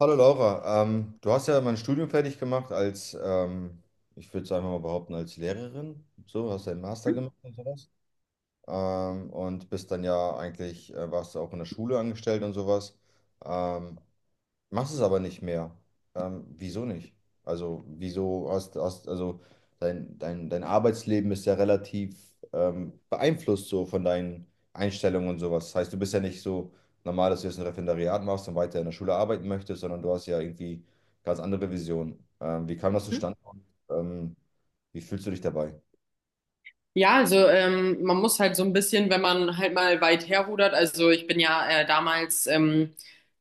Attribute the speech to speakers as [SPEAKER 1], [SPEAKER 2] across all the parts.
[SPEAKER 1] Hallo Laura, du hast ja mein Studium fertig gemacht als, ich würde es einfach mal behaupten, als Lehrerin. So, hast deinen Master gemacht und sowas. Und bist dann ja eigentlich, warst du auch in der Schule angestellt und sowas. Ähm, Machst es aber nicht mehr. Wieso nicht? Also, wieso hast also dein Arbeitsleben ist ja relativ beeinflusst so von deinen Einstellungen und sowas. Das heißt, du bist ja nicht so normal, dass du jetzt ein Referendariat machst und weiter in der Schule arbeiten möchtest, sondern du hast ja irgendwie ganz andere Visionen. Wie kam das
[SPEAKER 2] Hm?
[SPEAKER 1] zustande? Ähm, Wie fühlst du dich dabei?
[SPEAKER 2] Ja, also man muss halt so ein bisschen, wenn man halt mal weit herrudert, also ich bin ja damals,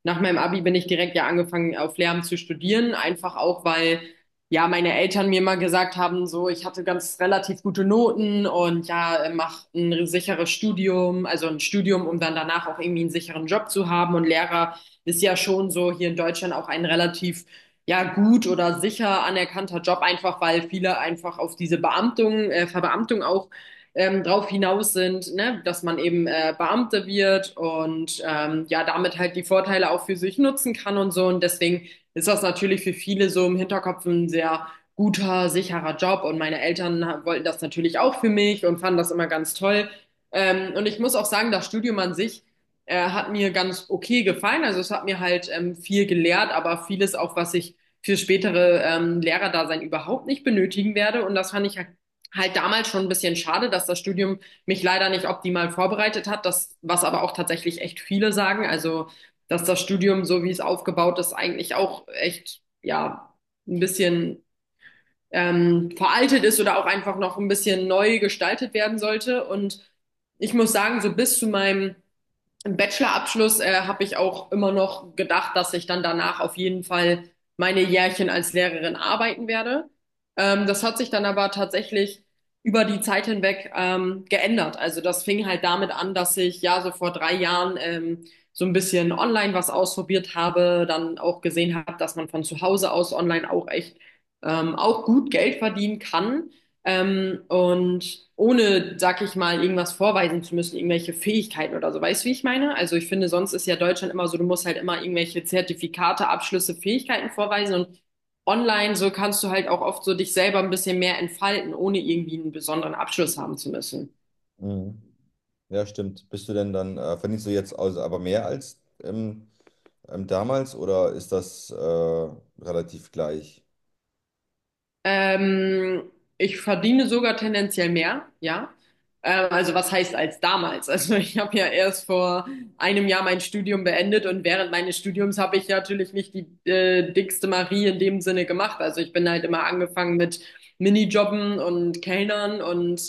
[SPEAKER 2] nach meinem Abi bin ich direkt ja angefangen auf Lehramt zu studieren, einfach auch, weil ja meine Eltern mir mal gesagt haben, so ich hatte ganz relativ gute Noten und ja, mach ein sicheres Studium, also ein Studium, um dann danach auch irgendwie einen sicheren Job zu haben, und Lehrer ist ja schon so hier in Deutschland auch ein relativ ja gut oder sicher anerkannter Job, einfach weil viele einfach auf diese Beamtung, Verbeamtung auch drauf hinaus sind, ne? Dass man eben Beamter wird und ja damit halt die Vorteile auch für sich nutzen kann und so. Und deswegen ist das natürlich für viele so im Hinterkopf ein sehr guter, sicherer Job. Und meine Eltern wollten das natürlich auch für mich und fanden das immer ganz toll. Und ich muss auch sagen, das Studium an sich hat mir ganz okay gefallen. Also es hat mir halt viel gelehrt, aber vieles auch, was ich für spätere Lehrerdasein überhaupt nicht benötigen werde. Und das fand ich halt damals schon ein bisschen schade, dass das Studium mich leider nicht optimal vorbereitet hat. Das, was aber auch tatsächlich echt viele sagen. Also, dass das Studium, so wie es aufgebaut ist, eigentlich auch echt, ja, ein bisschen veraltet ist oder auch einfach noch ein bisschen neu gestaltet werden sollte. Und ich muss sagen, so bis zu meinem im Bachelorabschluss habe ich auch immer noch gedacht, dass ich dann danach auf jeden Fall meine Jährchen als Lehrerin arbeiten werde. Das hat sich dann aber tatsächlich über die Zeit hinweg geändert. Also das fing halt damit an, dass ich ja so vor drei Jahren so ein bisschen online was ausprobiert habe, dann auch gesehen habe, dass man von zu Hause aus online auch echt auch gut Geld verdienen kann. Und ohne, sag ich mal, irgendwas vorweisen zu müssen, irgendwelche Fähigkeiten oder so. Weißt du, wie ich meine? Also ich finde, sonst ist ja Deutschland immer so, du musst halt immer irgendwelche Zertifikate, Abschlüsse, Fähigkeiten vorweisen, und online so kannst du halt auch oft so dich selber ein bisschen mehr entfalten, ohne irgendwie einen besonderen Abschluss haben zu müssen.
[SPEAKER 1] Mhm. Ja, stimmt. Bist du denn dann, Verdienst du jetzt also aber mehr als damals oder ist das relativ gleich?
[SPEAKER 2] Ähm, Ich verdiene sogar tendenziell mehr, ja. Also was heißt als damals? Also ich habe ja erst vor einem Jahr mein Studium beendet, und während meines Studiums habe ich natürlich nicht die dickste Marie in dem Sinne gemacht. Also ich bin halt immer angefangen mit Minijobben und Kellnern und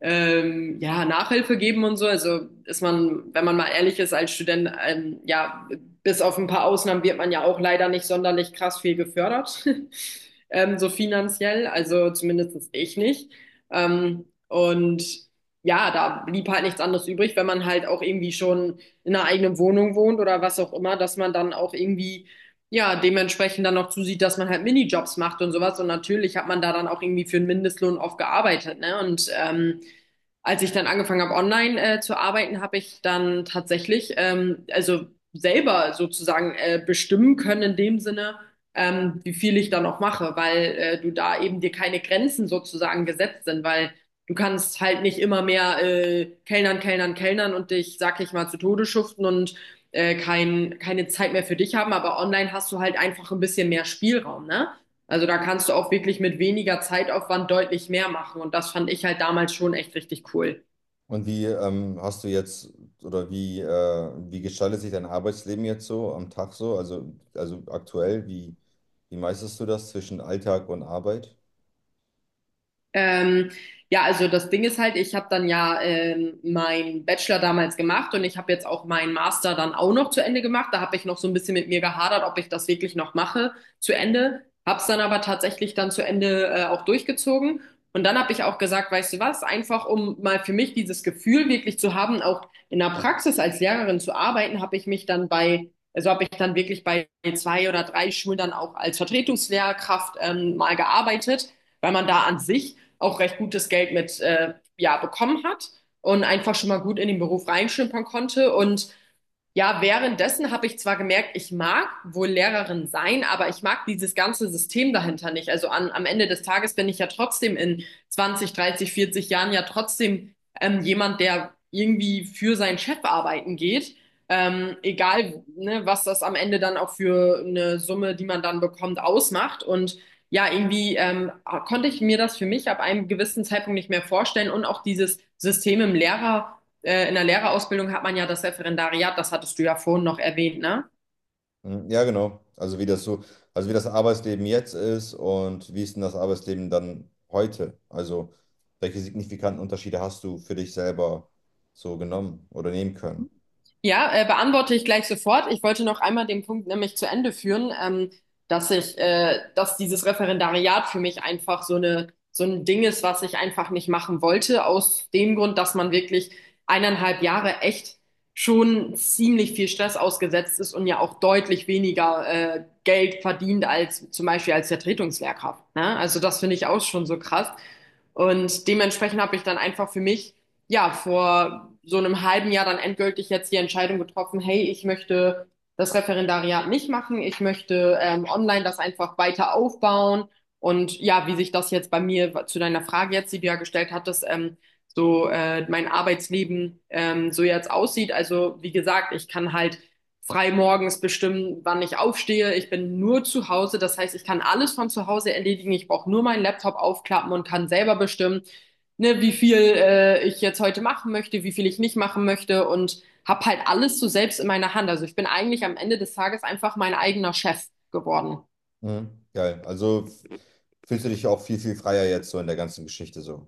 [SPEAKER 2] ja, Nachhilfe geben und so. Also ist man, wenn man mal ehrlich ist, als Student ja bis auf ein paar Ausnahmen wird man ja auch leider nicht sonderlich krass viel gefördert, so finanziell, also zumindest ich nicht. Und ja, da blieb halt nichts anderes übrig, wenn man halt auch irgendwie schon in einer eigenen Wohnung wohnt oder was auch immer, dass man dann auch irgendwie ja, dementsprechend dann noch zusieht, dass man halt Minijobs macht und sowas. Und natürlich hat man da dann auch irgendwie für einen Mindestlohn oft gearbeitet, ne? Und als ich dann angefangen habe, online zu arbeiten, habe ich dann tatsächlich, also selber sozusagen bestimmen können in dem Sinne, wie viel ich da noch mache, weil du da eben dir keine Grenzen sozusagen gesetzt sind, weil du kannst halt nicht immer mehr kellnern, kellnern, kellnern und dich, sag ich mal, zu Tode schuften und keine Zeit mehr für dich haben, aber online hast du halt einfach ein bisschen mehr Spielraum, ne? Also da kannst du auch wirklich mit weniger Zeitaufwand deutlich mehr machen, und das fand ich halt damals schon echt richtig cool.
[SPEAKER 1] Und wie hast du jetzt oder wie gestaltet sich dein Arbeitsleben jetzt so am Tag so? Also aktuell, wie meisterst du das zwischen Alltag und Arbeit?
[SPEAKER 2] Ähm, ja, also das Ding ist halt, ich habe dann ja meinen Bachelor damals gemacht, und ich habe jetzt auch meinen Master dann auch noch zu Ende gemacht. Da habe ich noch so ein bisschen mit mir gehadert, ob ich das wirklich noch mache zu Ende. Hab's dann aber tatsächlich dann zu Ende auch durchgezogen. Und dann habe ich auch gesagt, weißt du was, einfach um mal für mich dieses Gefühl wirklich zu haben, auch in der Praxis als Lehrerin zu arbeiten, habe ich mich dann bei, also habe ich dann wirklich bei zwei oder drei Schulen dann auch als Vertretungslehrkraft mal gearbeitet, weil man da an sich auch recht gutes Geld mit ja, bekommen hat und einfach schon mal gut in den Beruf reinschnuppern konnte. Und ja, währenddessen habe ich zwar gemerkt, ich mag wohl Lehrerin sein, aber ich mag dieses ganze System dahinter nicht. Also am Ende des Tages bin ich ja trotzdem in 20, 30, 40 Jahren ja trotzdem jemand, der irgendwie für seinen Chef arbeiten geht. Egal, ne, was das am Ende dann auch für eine Summe, die man dann bekommt, ausmacht. Und ja, irgendwie konnte ich mir das für mich ab einem gewissen Zeitpunkt nicht mehr vorstellen, und auch dieses System in der Lehrerausbildung hat man ja das Referendariat, das hattest du ja vorhin noch erwähnt, ne?
[SPEAKER 1] Mhm, ja, genau. Also wie das so, also wie das Arbeitsleben jetzt ist und wie ist denn das Arbeitsleben dann heute? Also welche signifikanten Unterschiede hast du für dich selber so genommen oder nehmen können?
[SPEAKER 2] Ja, beantworte ich gleich sofort. Ich wollte noch einmal den Punkt nämlich zu Ende führen, dass dass dieses Referendariat für mich einfach so eine, so ein Ding ist, was ich einfach nicht machen wollte, aus dem Grund, dass man wirklich eineinhalb Jahre echt schon ziemlich viel Stress ausgesetzt ist und ja auch deutlich weniger, Geld verdient als zum Beispiel als Vertretungslehrkraft, ne? Also das finde ich auch schon so krass. Und dementsprechend habe ich dann einfach für mich ja, vor so einem halben Jahr dann endgültig jetzt die Entscheidung getroffen, hey, ich möchte das Referendariat nicht machen, ich möchte online das einfach weiter aufbauen. Und ja, wie sich das jetzt bei mir zu deiner Frage jetzt, die du ja gestellt hattest, so mein Arbeitsleben so jetzt aussieht. Also wie gesagt, ich kann halt frei morgens bestimmen, wann ich aufstehe. Ich bin nur zu Hause. Das heißt, ich kann alles von zu Hause erledigen. Ich brauche nur meinen Laptop aufklappen und kann selber bestimmen, ne, wie viel ich jetzt heute machen möchte, wie viel ich nicht machen möchte und habe halt alles so selbst in meiner Hand. Also ich bin eigentlich am Ende des Tages einfach mein eigener Chef geworden.
[SPEAKER 1] Mhm. Geil. Fühlst du dich auch viel, viel freier jetzt so in der ganzen Geschichte so?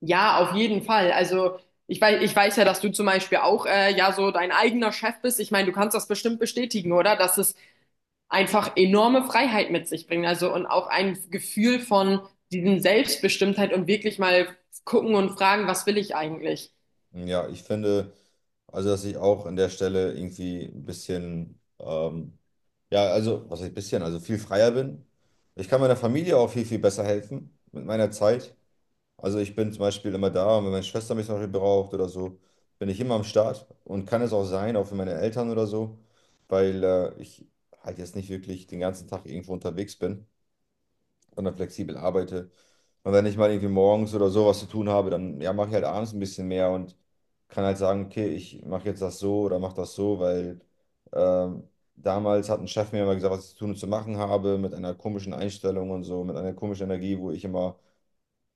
[SPEAKER 2] Ja, auf jeden Fall. Also ich weiß ja, dass du zum Beispiel auch ja so dein eigener Chef bist. Ich meine, du kannst das bestimmt bestätigen, oder? Dass es einfach enorme Freiheit mit sich bringt. Also und auch ein Gefühl von diesem Selbstbestimmtheit und wirklich mal gucken und fragen, was will ich eigentlich?
[SPEAKER 1] Hm, ja, ich finde, also dass ich auch an der Stelle irgendwie ein bisschen, ja, also was heißt bisschen, also viel freier bin. Ich kann meiner Familie auch viel, viel besser helfen mit meiner Zeit. Also ich bin zum Beispiel immer da, und wenn meine Schwester mich zum Beispiel braucht oder so, bin ich immer am Start, und kann es auch sein, auch für meine Eltern oder so, weil ich halt jetzt nicht wirklich den ganzen Tag irgendwo unterwegs bin, sondern flexibel arbeite. Und wenn ich mal irgendwie morgens oder so was zu tun habe, dann ja, mache ich halt abends ein bisschen mehr und kann halt sagen, okay, ich mache jetzt das so oder mache das so, weil ähm, damals hat ein Chef mir immer gesagt, was ich zu tun und zu machen habe, mit einer komischen Einstellung und so, mit einer komischen Energie, wo ich immer,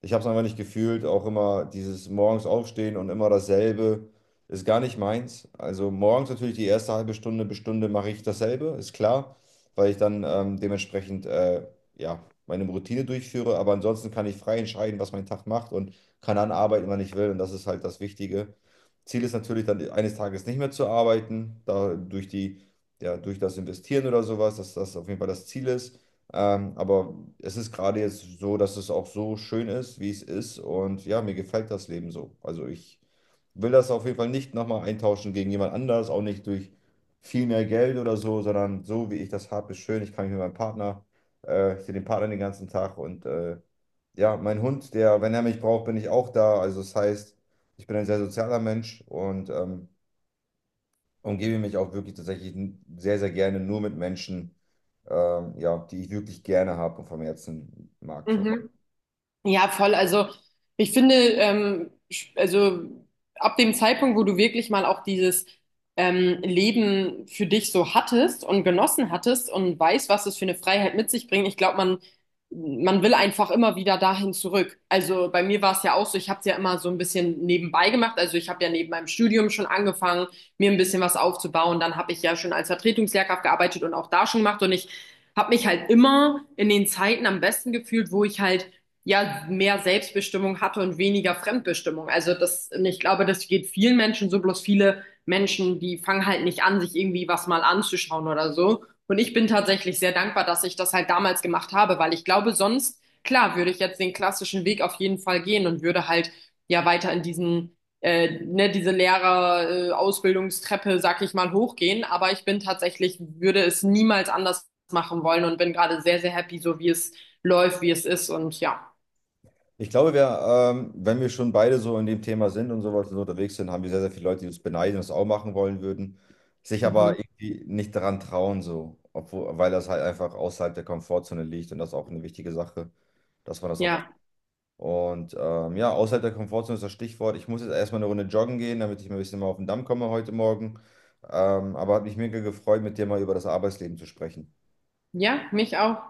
[SPEAKER 1] ich habe es einfach nicht gefühlt, auch immer dieses morgens aufstehen und immer dasselbe ist gar nicht meins. Also morgens natürlich die erste halbe Stunde bis Stunde mache ich dasselbe, ist klar, weil ich dann dementsprechend ja, meine Routine durchführe. Aber ansonsten kann ich frei entscheiden, was mein Tag macht, und kann dann arbeiten, wann ich will. Und das ist halt das Wichtige. Ziel ist natürlich dann eines Tages nicht mehr zu arbeiten, da durch die, ja, durch das Investieren oder sowas, dass das auf jeden Fall das Ziel ist. Aber es ist gerade jetzt so, dass es auch so schön ist, wie es ist. Und ja, mir gefällt das Leben so. Also ich will das auf jeden Fall nicht nochmal eintauschen gegen jemand anders, auch nicht durch viel mehr Geld oder so, sondern so, wie ich das habe, ist schön. Ich kann mich mit meinem Partner, Ich sehe den Partner den ganzen Tag, und ja, mein Hund, der, wenn er mich braucht, bin ich auch da. Also das heißt, ich bin ein sehr sozialer Mensch und umgebe mich auch wirklich tatsächlich sehr, sehr gerne nur mit Menschen, ja, die ich wirklich gerne habe und vom Herzen mag. So.
[SPEAKER 2] Mhm. Ja, voll. Also ich finde, also ab dem Zeitpunkt, wo du wirklich mal auch dieses Leben für dich so hattest und genossen hattest und weißt, was es für eine Freiheit mit sich bringt, ich glaube, man will einfach immer wieder dahin zurück. Also bei mir war es ja auch so, ich habe es ja immer so ein bisschen nebenbei gemacht. Also ich habe ja neben meinem Studium schon angefangen, mir ein bisschen was aufzubauen. Dann habe ich ja schon als Vertretungslehrkraft gearbeitet und auch da schon gemacht. Und ich habe mich halt immer in den Zeiten am besten gefühlt, wo ich halt ja mehr Selbstbestimmung hatte und weniger Fremdbestimmung. Also das, und ich glaube, das geht vielen Menschen so, bloß viele Menschen, die fangen halt nicht an, sich irgendwie was mal anzuschauen oder so. Und ich bin tatsächlich sehr dankbar, dass ich das halt damals gemacht habe, weil ich glaube, sonst, klar, würde ich jetzt den klassischen Weg auf jeden Fall gehen und würde halt ja weiter ne, diese Lehrer-Ausbildungstreppe, sag ich mal, hochgehen. Aber ich bin tatsächlich, würde es niemals anders machen wollen und bin gerade sehr, sehr happy, so wie es läuft, wie es ist und ja.
[SPEAKER 1] Ich glaube, wenn wir schon beide so in dem Thema sind und sowas und so unterwegs sind, haben wir sehr, sehr viele Leute, die uns beneiden und das auch machen wollen würden, sich
[SPEAKER 2] Mhm.
[SPEAKER 1] aber irgendwie nicht daran trauen, so, obwohl, weil das halt einfach außerhalb der Komfortzone liegt, und das ist auch eine wichtige Sache, dass man das auch.
[SPEAKER 2] Ja,
[SPEAKER 1] Und ja, außerhalb der Komfortzone ist das Stichwort. Ich muss jetzt erstmal eine Runde joggen gehen, damit ich mal ein bisschen mal auf den Damm komme heute Morgen. Aber hat mich mega gefreut, mit dir mal über das Arbeitsleben zu sprechen.
[SPEAKER 2] ja, mich auch.